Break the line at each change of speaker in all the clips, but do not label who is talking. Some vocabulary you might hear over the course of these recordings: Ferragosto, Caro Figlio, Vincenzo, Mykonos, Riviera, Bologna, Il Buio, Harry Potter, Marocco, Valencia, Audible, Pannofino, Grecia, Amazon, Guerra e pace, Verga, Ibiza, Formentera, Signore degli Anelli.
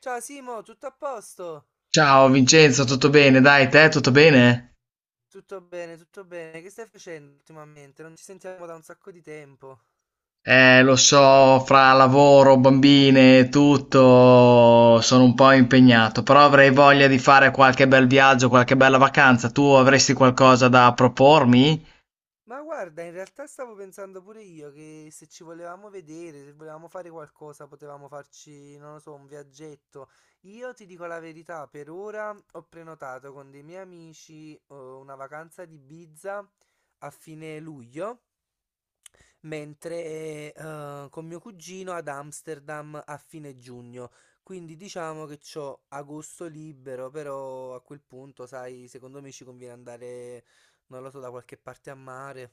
Ciao Simo, tutto a posto?
Ciao Vincenzo, tutto bene? Dai, te tutto bene?
Tutto bene, tutto bene. Che stai facendo ultimamente? Non ci sentiamo da un sacco di tempo.
Lo so, fra lavoro, bambine, e tutto, sono un po' impegnato, però avrei voglia di fare qualche bel viaggio, qualche bella vacanza. Tu avresti qualcosa da propormi?
Ma guarda, in realtà stavo pensando pure io che se ci volevamo vedere, se volevamo fare qualcosa, potevamo farci, non lo so, un viaggetto. Io ti dico la verità, per ora ho prenotato con dei miei amici una vacanza di Ibiza a fine luglio. Mentre con mio cugino ad Amsterdam a fine giugno. Quindi diciamo che c'ho agosto libero, però a quel punto, sai, secondo me ci conviene andare, non lo so, da qualche parte a mare.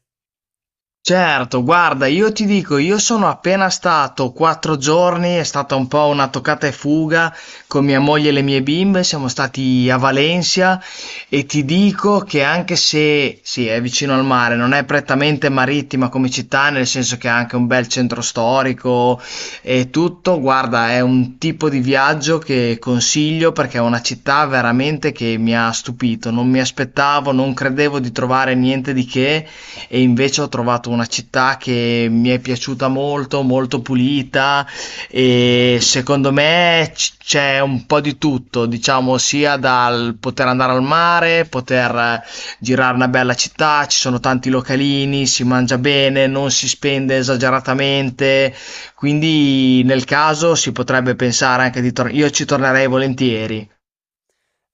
Certo, guarda, io ti dico, io sono appena stato 4 giorni, è stata un po' una toccata e fuga con mia moglie e le mie bimbe, siamo stati a Valencia e ti dico che anche se, sì, è vicino al mare, non è prettamente marittima come città, nel senso che ha anche un bel centro storico e tutto, guarda, è un tipo di viaggio che consiglio perché è una città veramente che mi ha stupito, non mi aspettavo, non credevo di trovare niente di che e invece ho trovato una città che mi è piaciuta molto, molto pulita e secondo me c'è un po' di tutto, diciamo, sia dal poter andare al mare, poter girare una bella città, ci sono tanti localini, si mangia bene, non si spende esageratamente, quindi nel caso si potrebbe pensare anche di tornare, io ci tornerei volentieri.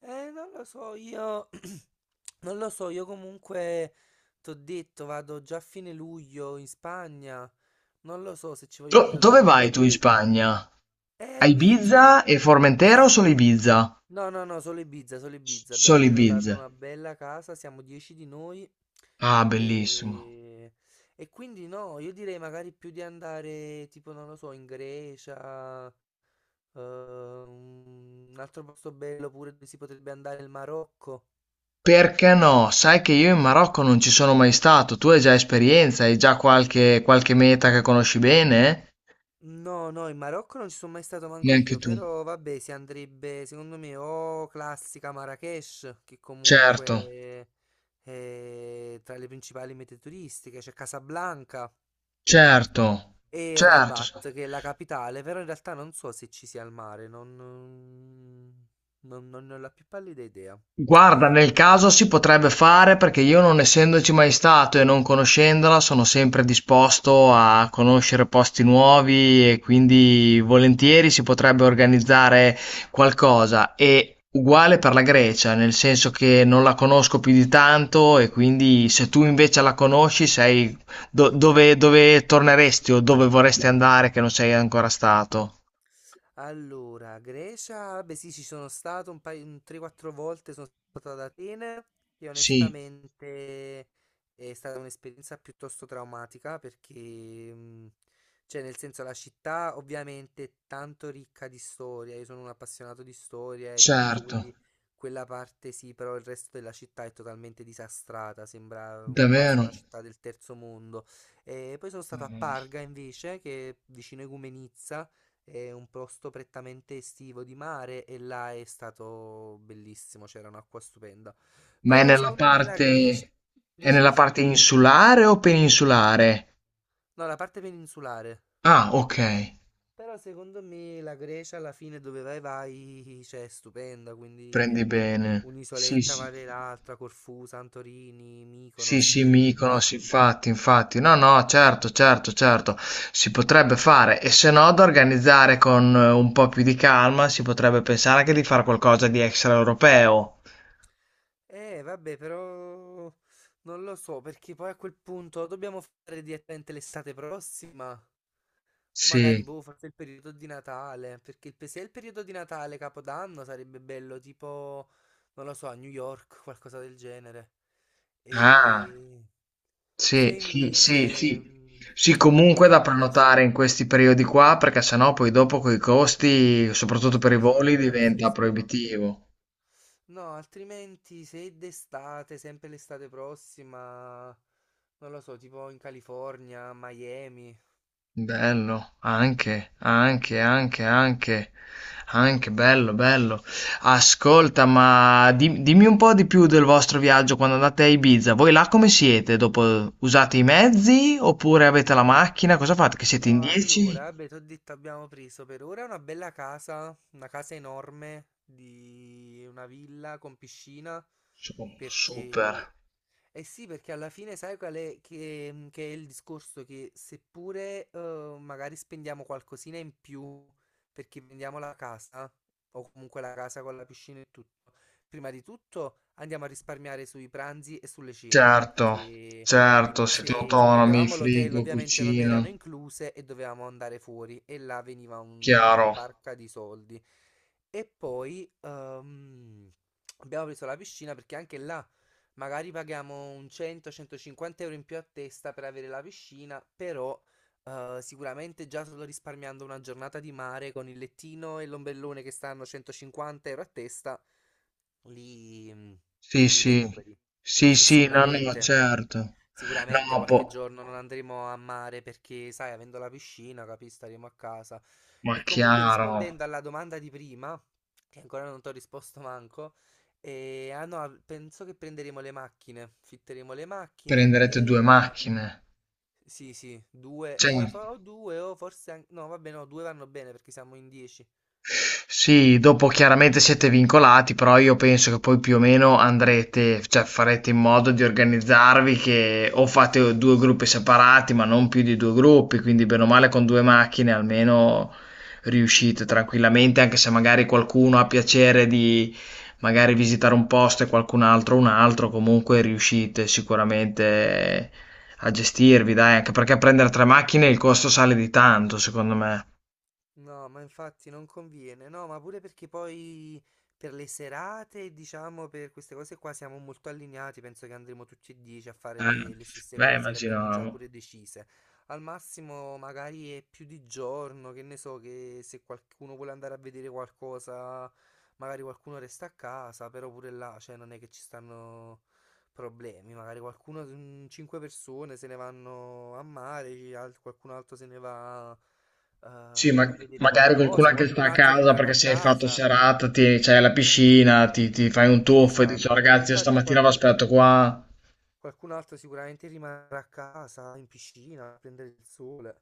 Non lo so, io non lo so, io comunque t'ho detto, vado già a fine luglio in Spagna. Non lo so se ci voglio
Dove
ritornare.
vai
Poi
tu in
pure...
Spagna?
A
A Ibiza
Ibiza!
e Formentera o solo Ibiza?
No, no, no, solo Ibiza, solo Ibiza. Abbiamo
Solo
prenotato
Ibiza.
una bella casa, siamo 10 di noi.
Ah, bellissimo.
E... e quindi no, io direi magari più di andare tipo, non lo so, in Grecia, un altro posto bello pure dove si potrebbe andare il Marocco.
Perché no? Sai che io in Marocco non ci sono mai stato. Tu hai già esperienza, hai già qualche, qualche meta che conosci bene?
No, no, in Marocco non ci sono mai stato manco io,
Neanche tu.
però vabbè, si andrebbe secondo me o classica Marrakech, che
Certo,
comunque è tra le principali mete turistiche, c'è Casablanca.
certo,
E
certo.
Rabat, che è la capitale, però in realtà non so se ci sia il mare, non ne ho la più pallida idea.
Guarda nel caso si potrebbe fare perché io non essendoci mai stato e non conoscendola sono sempre disposto a conoscere posti nuovi e quindi volentieri si potrebbe organizzare qualcosa. E uguale per la Grecia, nel senso che non la conosco più di tanto e quindi se tu invece la conosci sei dove torneresti o dove vorresti andare che non sei ancora stato?
Allora, Grecia, beh sì, ci sono stato un paio, un 3-4 volte, sono stato ad Atene, che
Sì,
onestamente è stata un'esperienza piuttosto traumatica perché, cioè nel senso la città ovviamente è tanto ricca di storia, io sono un appassionato di storia e tutto,
certo,
quindi quella parte sì, però il resto della città è totalmente disastrata, sembra quasi
davvero.
una città del terzo mondo. E poi sono stato a
Mm.
Parga invece, che è vicino a Igoumenitsa. È un posto prettamente estivo di mare e là è stato bellissimo, c'era un'acqua stupenda.
Ma è
Però
nella
secondo me la Grecia...
parte è
Dici,
nella
dici.
parte insulare o peninsulare?
No, la parte peninsulare.
Ah, ok,
Però secondo me la Grecia alla fine dove vai vai, cioè è stupenda,
prendi
quindi
bene. Sì,
un'isoletta
sì.
vale l'altra, Corfù, Santorini,
Sì,
Mykonos,
sì,
Creta.
Mykonos, infatti, infatti. No, no, certo, certo, certo. Si potrebbe fare e se no da organizzare con un po' più di calma, si potrebbe pensare anche di fare qualcosa di extraeuropeo.
Vabbè, però non lo so, perché poi a quel punto dobbiamo fare direttamente l'estate prossima. O magari,
Sì.
boh, forse il periodo di Natale, perché se è il periodo di Natale, Capodanno, sarebbe bello, tipo, non lo so, a New York, qualcosa del genere.
Ah.
E se
Sì, sì, sì,
invece,
sì. Sì,
se
comunque da
invece,
prenotare in questi periodi qua, perché sennò poi dopo coi costi, soprattutto per i
sì, sì,
voli, diventa
impazziscono.
proibitivo.
No, altrimenti se è d'estate, sempre l'estate prossima, non lo so, tipo in California, Miami.
Bello, anche, anche, anche, anche, anche bello, bello. Ascolta, ma dimmi un po' di più del vostro viaggio quando andate a Ibiza. Voi là come siete? Dopo usate i mezzi oppure avete la macchina? Cosa fate? Che siete in
No,
10?
allora, beh, t'ho detto abbiamo preso per ora una bella casa, una casa enorme di una villa con piscina,
Su- Super.
perché eh sì, perché alla fine sai qual è, che è il discorso che seppure magari spendiamo qualcosina in più perché prendiamo la casa, o comunque la casa con la piscina e tutto, prima di tutto andiamo a risparmiare sui pranzi e sulle cene,
Certo,
che
certo,
in-
siete
se, se
autonomi,
prendevamo l'hotel
frigo,
ovviamente non
cucina,
erano incluse e dovevamo andare fuori e là veniva una
chiaro.
barca di soldi. E poi abbiamo preso la piscina perché anche là. Magari paghiamo un 100-150 euro in più a testa per avere la piscina, però sicuramente già solo risparmiando una giornata di mare con il lettino e l'ombellone che stanno 150 euro a testa, li,
Sì,
li
sì,
recuperi.
sì,
E
sì, no, no,
sicuramente.
certo. No,
Sicuramente qualche giorno non andremo a mare perché, sai, avendo la piscina, capi, staremo a casa.
ma
E comunque
chiaro,
rispondendo alla domanda di prima, che ancora non ti ho risposto manco, ah no, penso che prenderemo le macchine, fitteremo le macchine
prenderete due
e...
macchine,
Sì, sì, due,
certo.
o due o forse anche. No, vabbè, no, due vanno bene perché siamo in 10.
Sì, dopo chiaramente siete vincolati, però io penso che poi più o meno andrete, cioè farete in modo di organizzarvi che o fate due gruppi separati, ma non più di due gruppi, quindi bene o male con due macchine almeno riuscite tranquillamente, anche se magari qualcuno ha piacere di magari visitare un posto e qualcun altro un altro, comunque riuscite sicuramente a gestirvi, dai, anche perché prendere tre macchine il costo sale di tanto, secondo me.
No, ma infatti non conviene, no, ma pure perché poi per le serate, diciamo, per queste cose qua siamo molto allineati, penso che andremo tutti e 10 a fare
Eh,
le stesse
beh,
cose, le abbiamo già
immagino.
pure decise. Al massimo magari è più di giorno, che ne so, che se qualcuno vuole andare a vedere qualcosa, magari qualcuno resta a casa, però pure là, cioè non è che ci stanno problemi, magari qualcuno, cinque persone se ne vanno a mare, qualcun altro se ne va
Sì, ma
a vedere
magari qualcuno
qualcosa,
anche sta
qualcun
a
altro
casa
rimarrà
perché
a
se hai fatto
casa.
serata, ti, c'hai la piscina, ti fai un tuffo e dici, "Oh,
Esatto, ma
ragazzi, io
infatti
stamattina vi
qualcun,
aspetto qua".
qualcun altro sicuramente rimarrà a casa in piscina a prendere il sole.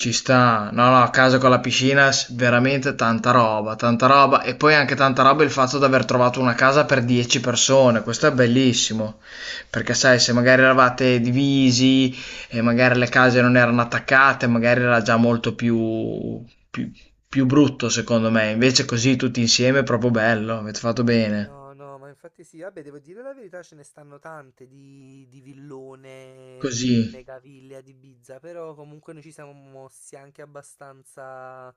Ci sta, no, no, a casa con la piscina, veramente tanta roba, tanta roba. E poi anche tanta roba il fatto di aver trovato una casa per 10 persone, questo è bellissimo. Perché sai, se magari eravate divisi e magari le case non erano attaccate, magari era già molto più, più, più brutto secondo me. Invece così tutti insieme è proprio bello, avete fatto bene.
No, no, ma infatti sì, vabbè, devo dire la verità, ce ne stanno tante di villone,
Così,
megaville ad Ibiza, però comunque noi ci siamo mossi anche abbastanza,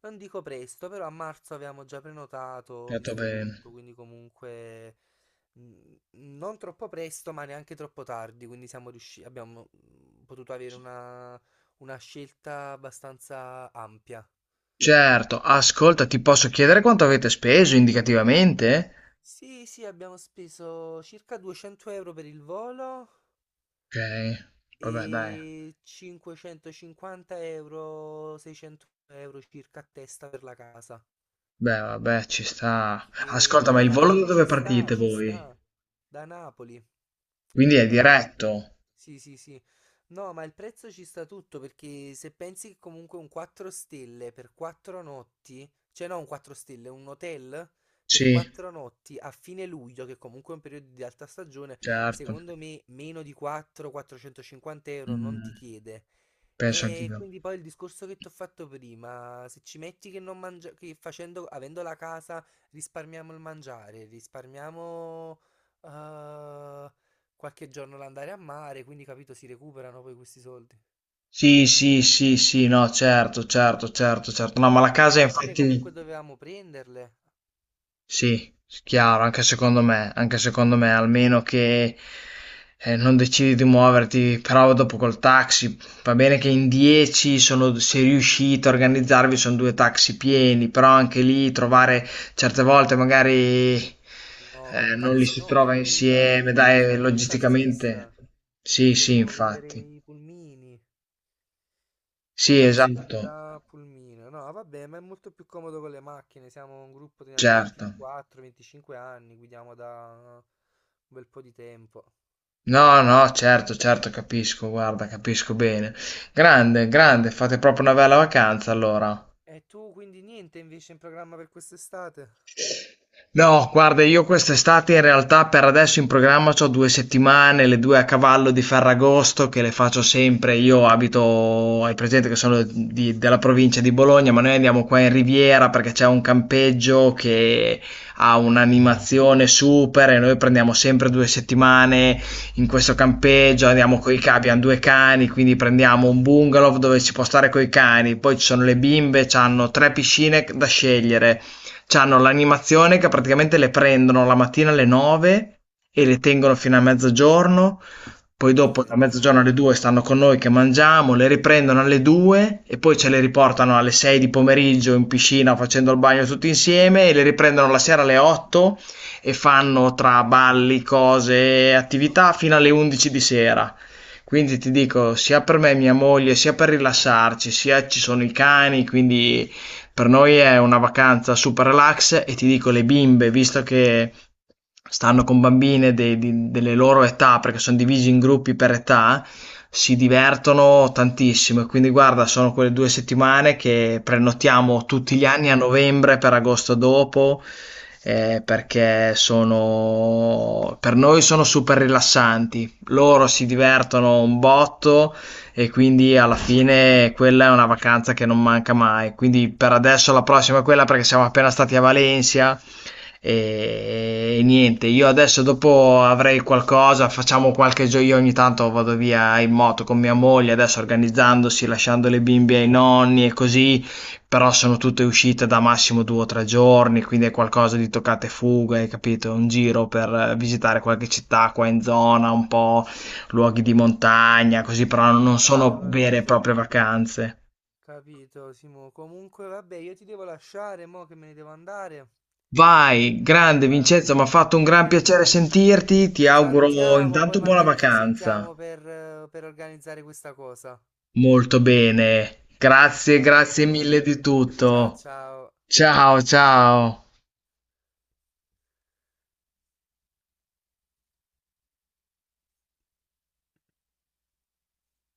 non dico presto, però a marzo avevamo già prenotato,
fatto
visto tutto,
bene.
quindi comunque non troppo presto, ma neanche troppo tardi, quindi siamo riusciti, abbiamo potuto avere una scelta abbastanza ampia.
Certo, ascolta, ti posso chiedere quanto avete speso indicativamente?
Sì, sì, abbiamo speso circa 200 euro per il volo,
Ok, vabbè, dai.
e 550 euro, 600 euro circa a testa per la casa.
Beh, vabbè, ci sta. Ascolta, ma
E
il
alla
volo da
fine
dove
ci sta,
partite
ci
voi?
sta. Da Napoli.
Quindi è
Da Napoli.
diretto?
Sì, sì, sì. No, ma il prezzo ci sta tutto perché se pensi che comunque un 4 stelle per 4 notti, cioè no, un 4 stelle, un hotel per
Sì,
4 notti a fine luglio, che comunque è un periodo di alta stagione,
certo.
secondo me meno di 4-450 euro non
Mm,
ti chiede.
penso
E
anch'io.
quindi poi il discorso che ti ho fatto prima, se ci metti che non mangia, che facendo, avendo la casa. Risparmiamo il mangiare, risparmiamo eh, qualche giorno l'andare a mare, quindi capito, si recuperano poi questi soldi.
Sì, sì, sì, sì, no, certo, certo, certo, certo. No, ma la
Le
casa
macchine comunque
infatti...
dovevamo prenderle.
Sì, chiaro, anche secondo me, almeno che non decidi di muoverti, però dopo col taxi, va bene che in 10 sono, se riuscite a organizzarvi sono due taxi pieni, però anche lì trovare certe volte magari
No, con
non li
taxi
si
no,
trova
scusa,
insieme,
perché
dai,
sta pure il
logisticamente.
tassista.
Sì, sì,
Dovremmo prendere
infatti.
i pulmini, i
Sì,
taxi quelli
esatto,
là a pulmino. No, vabbè, ma è molto più comodo con le macchine. Siamo un gruppo, teniamo
certo.
24-25 anni, guidiamo da un bel po' di tempo.
No, no, certo, certo, capisco, guarda, capisco bene. Grande, grande, fate proprio una bella vacanza allora.
E tu quindi niente invece in programma per quest'estate?
No, guarda, io quest'estate in realtà per adesso in programma c'ho 2 settimane, le due a cavallo di Ferragosto che le faccio sempre. Io abito, hai presente che sono della provincia di Bologna, ma noi andiamo qua in Riviera perché c'è un campeggio che ha un'animazione super e noi prendiamo sempre 2 settimane in questo campeggio,
Mm,
andiamo
mm,
coi
mm.
cani, abbiamo due cani, quindi prendiamo un bungalow dove si può stare coi cani, poi ci sono le bimbe, hanno tre piscine da scegliere. C'hanno l'animazione che praticamente le prendono la mattina alle 9 e le tengono fino a mezzogiorno, poi dopo da mezzogiorno
Perfetto,
alle 2 stanno con noi che mangiamo, le riprendono alle 2 e poi ce le riportano alle 6 di pomeriggio in piscina facendo il bagno tutti insieme e le riprendono la sera alle 8 e fanno tra balli, cose e attività fino alle 11 di sera. Quindi ti dico, sia per me e mia moglie, sia per rilassarci, sia ci sono i cani, quindi per noi è una vacanza super relax e ti dico, le bimbe, visto che stanno con bambine delle loro età, perché sono divisi in gruppi per età, si divertono tantissimo. E quindi, guarda, sono quelle 2 settimane che prenotiamo tutti gli anni a novembre per agosto dopo. Perché sono per noi sono super rilassanti, loro si divertono un botto e quindi alla fine quella è una vacanza che non manca mai. Quindi per adesso la prossima è quella perché siamo appena stati a Valencia e niente, io adesso dopo avrei qualcosa, facciamo qualche gioco, io ogni tanto vado via in moto con mia moglie, adesso organizzandosi, lasciando le bimbe ai nonni e così, però sono tutte uscite da massimo 2 o 3 giorni, quindi è qualcosa di toccate e fuga, hai capito? Un giro per visitare qualche città qua in zona, un po' luoghi di montagna, così però non
capito,
sono vere e
capito,
proprie vacanze.
capito, Simo. Comunque, vabbè, io ti devo lasciare, mo che me ne devo andare.
Vai, grande
Va.
Vincenzo, mi ha fatto un gran
E
piacere sentirti, ti
ci
auguro
salutiamo, poi
intanto buona
magari ci
vacanza.
sentiamo per organizzare questa cosa.
Molto bene, grazie,
Va
grazie
bene,
mille di
ciao
tutto.
ciao.
Ciao, ciao.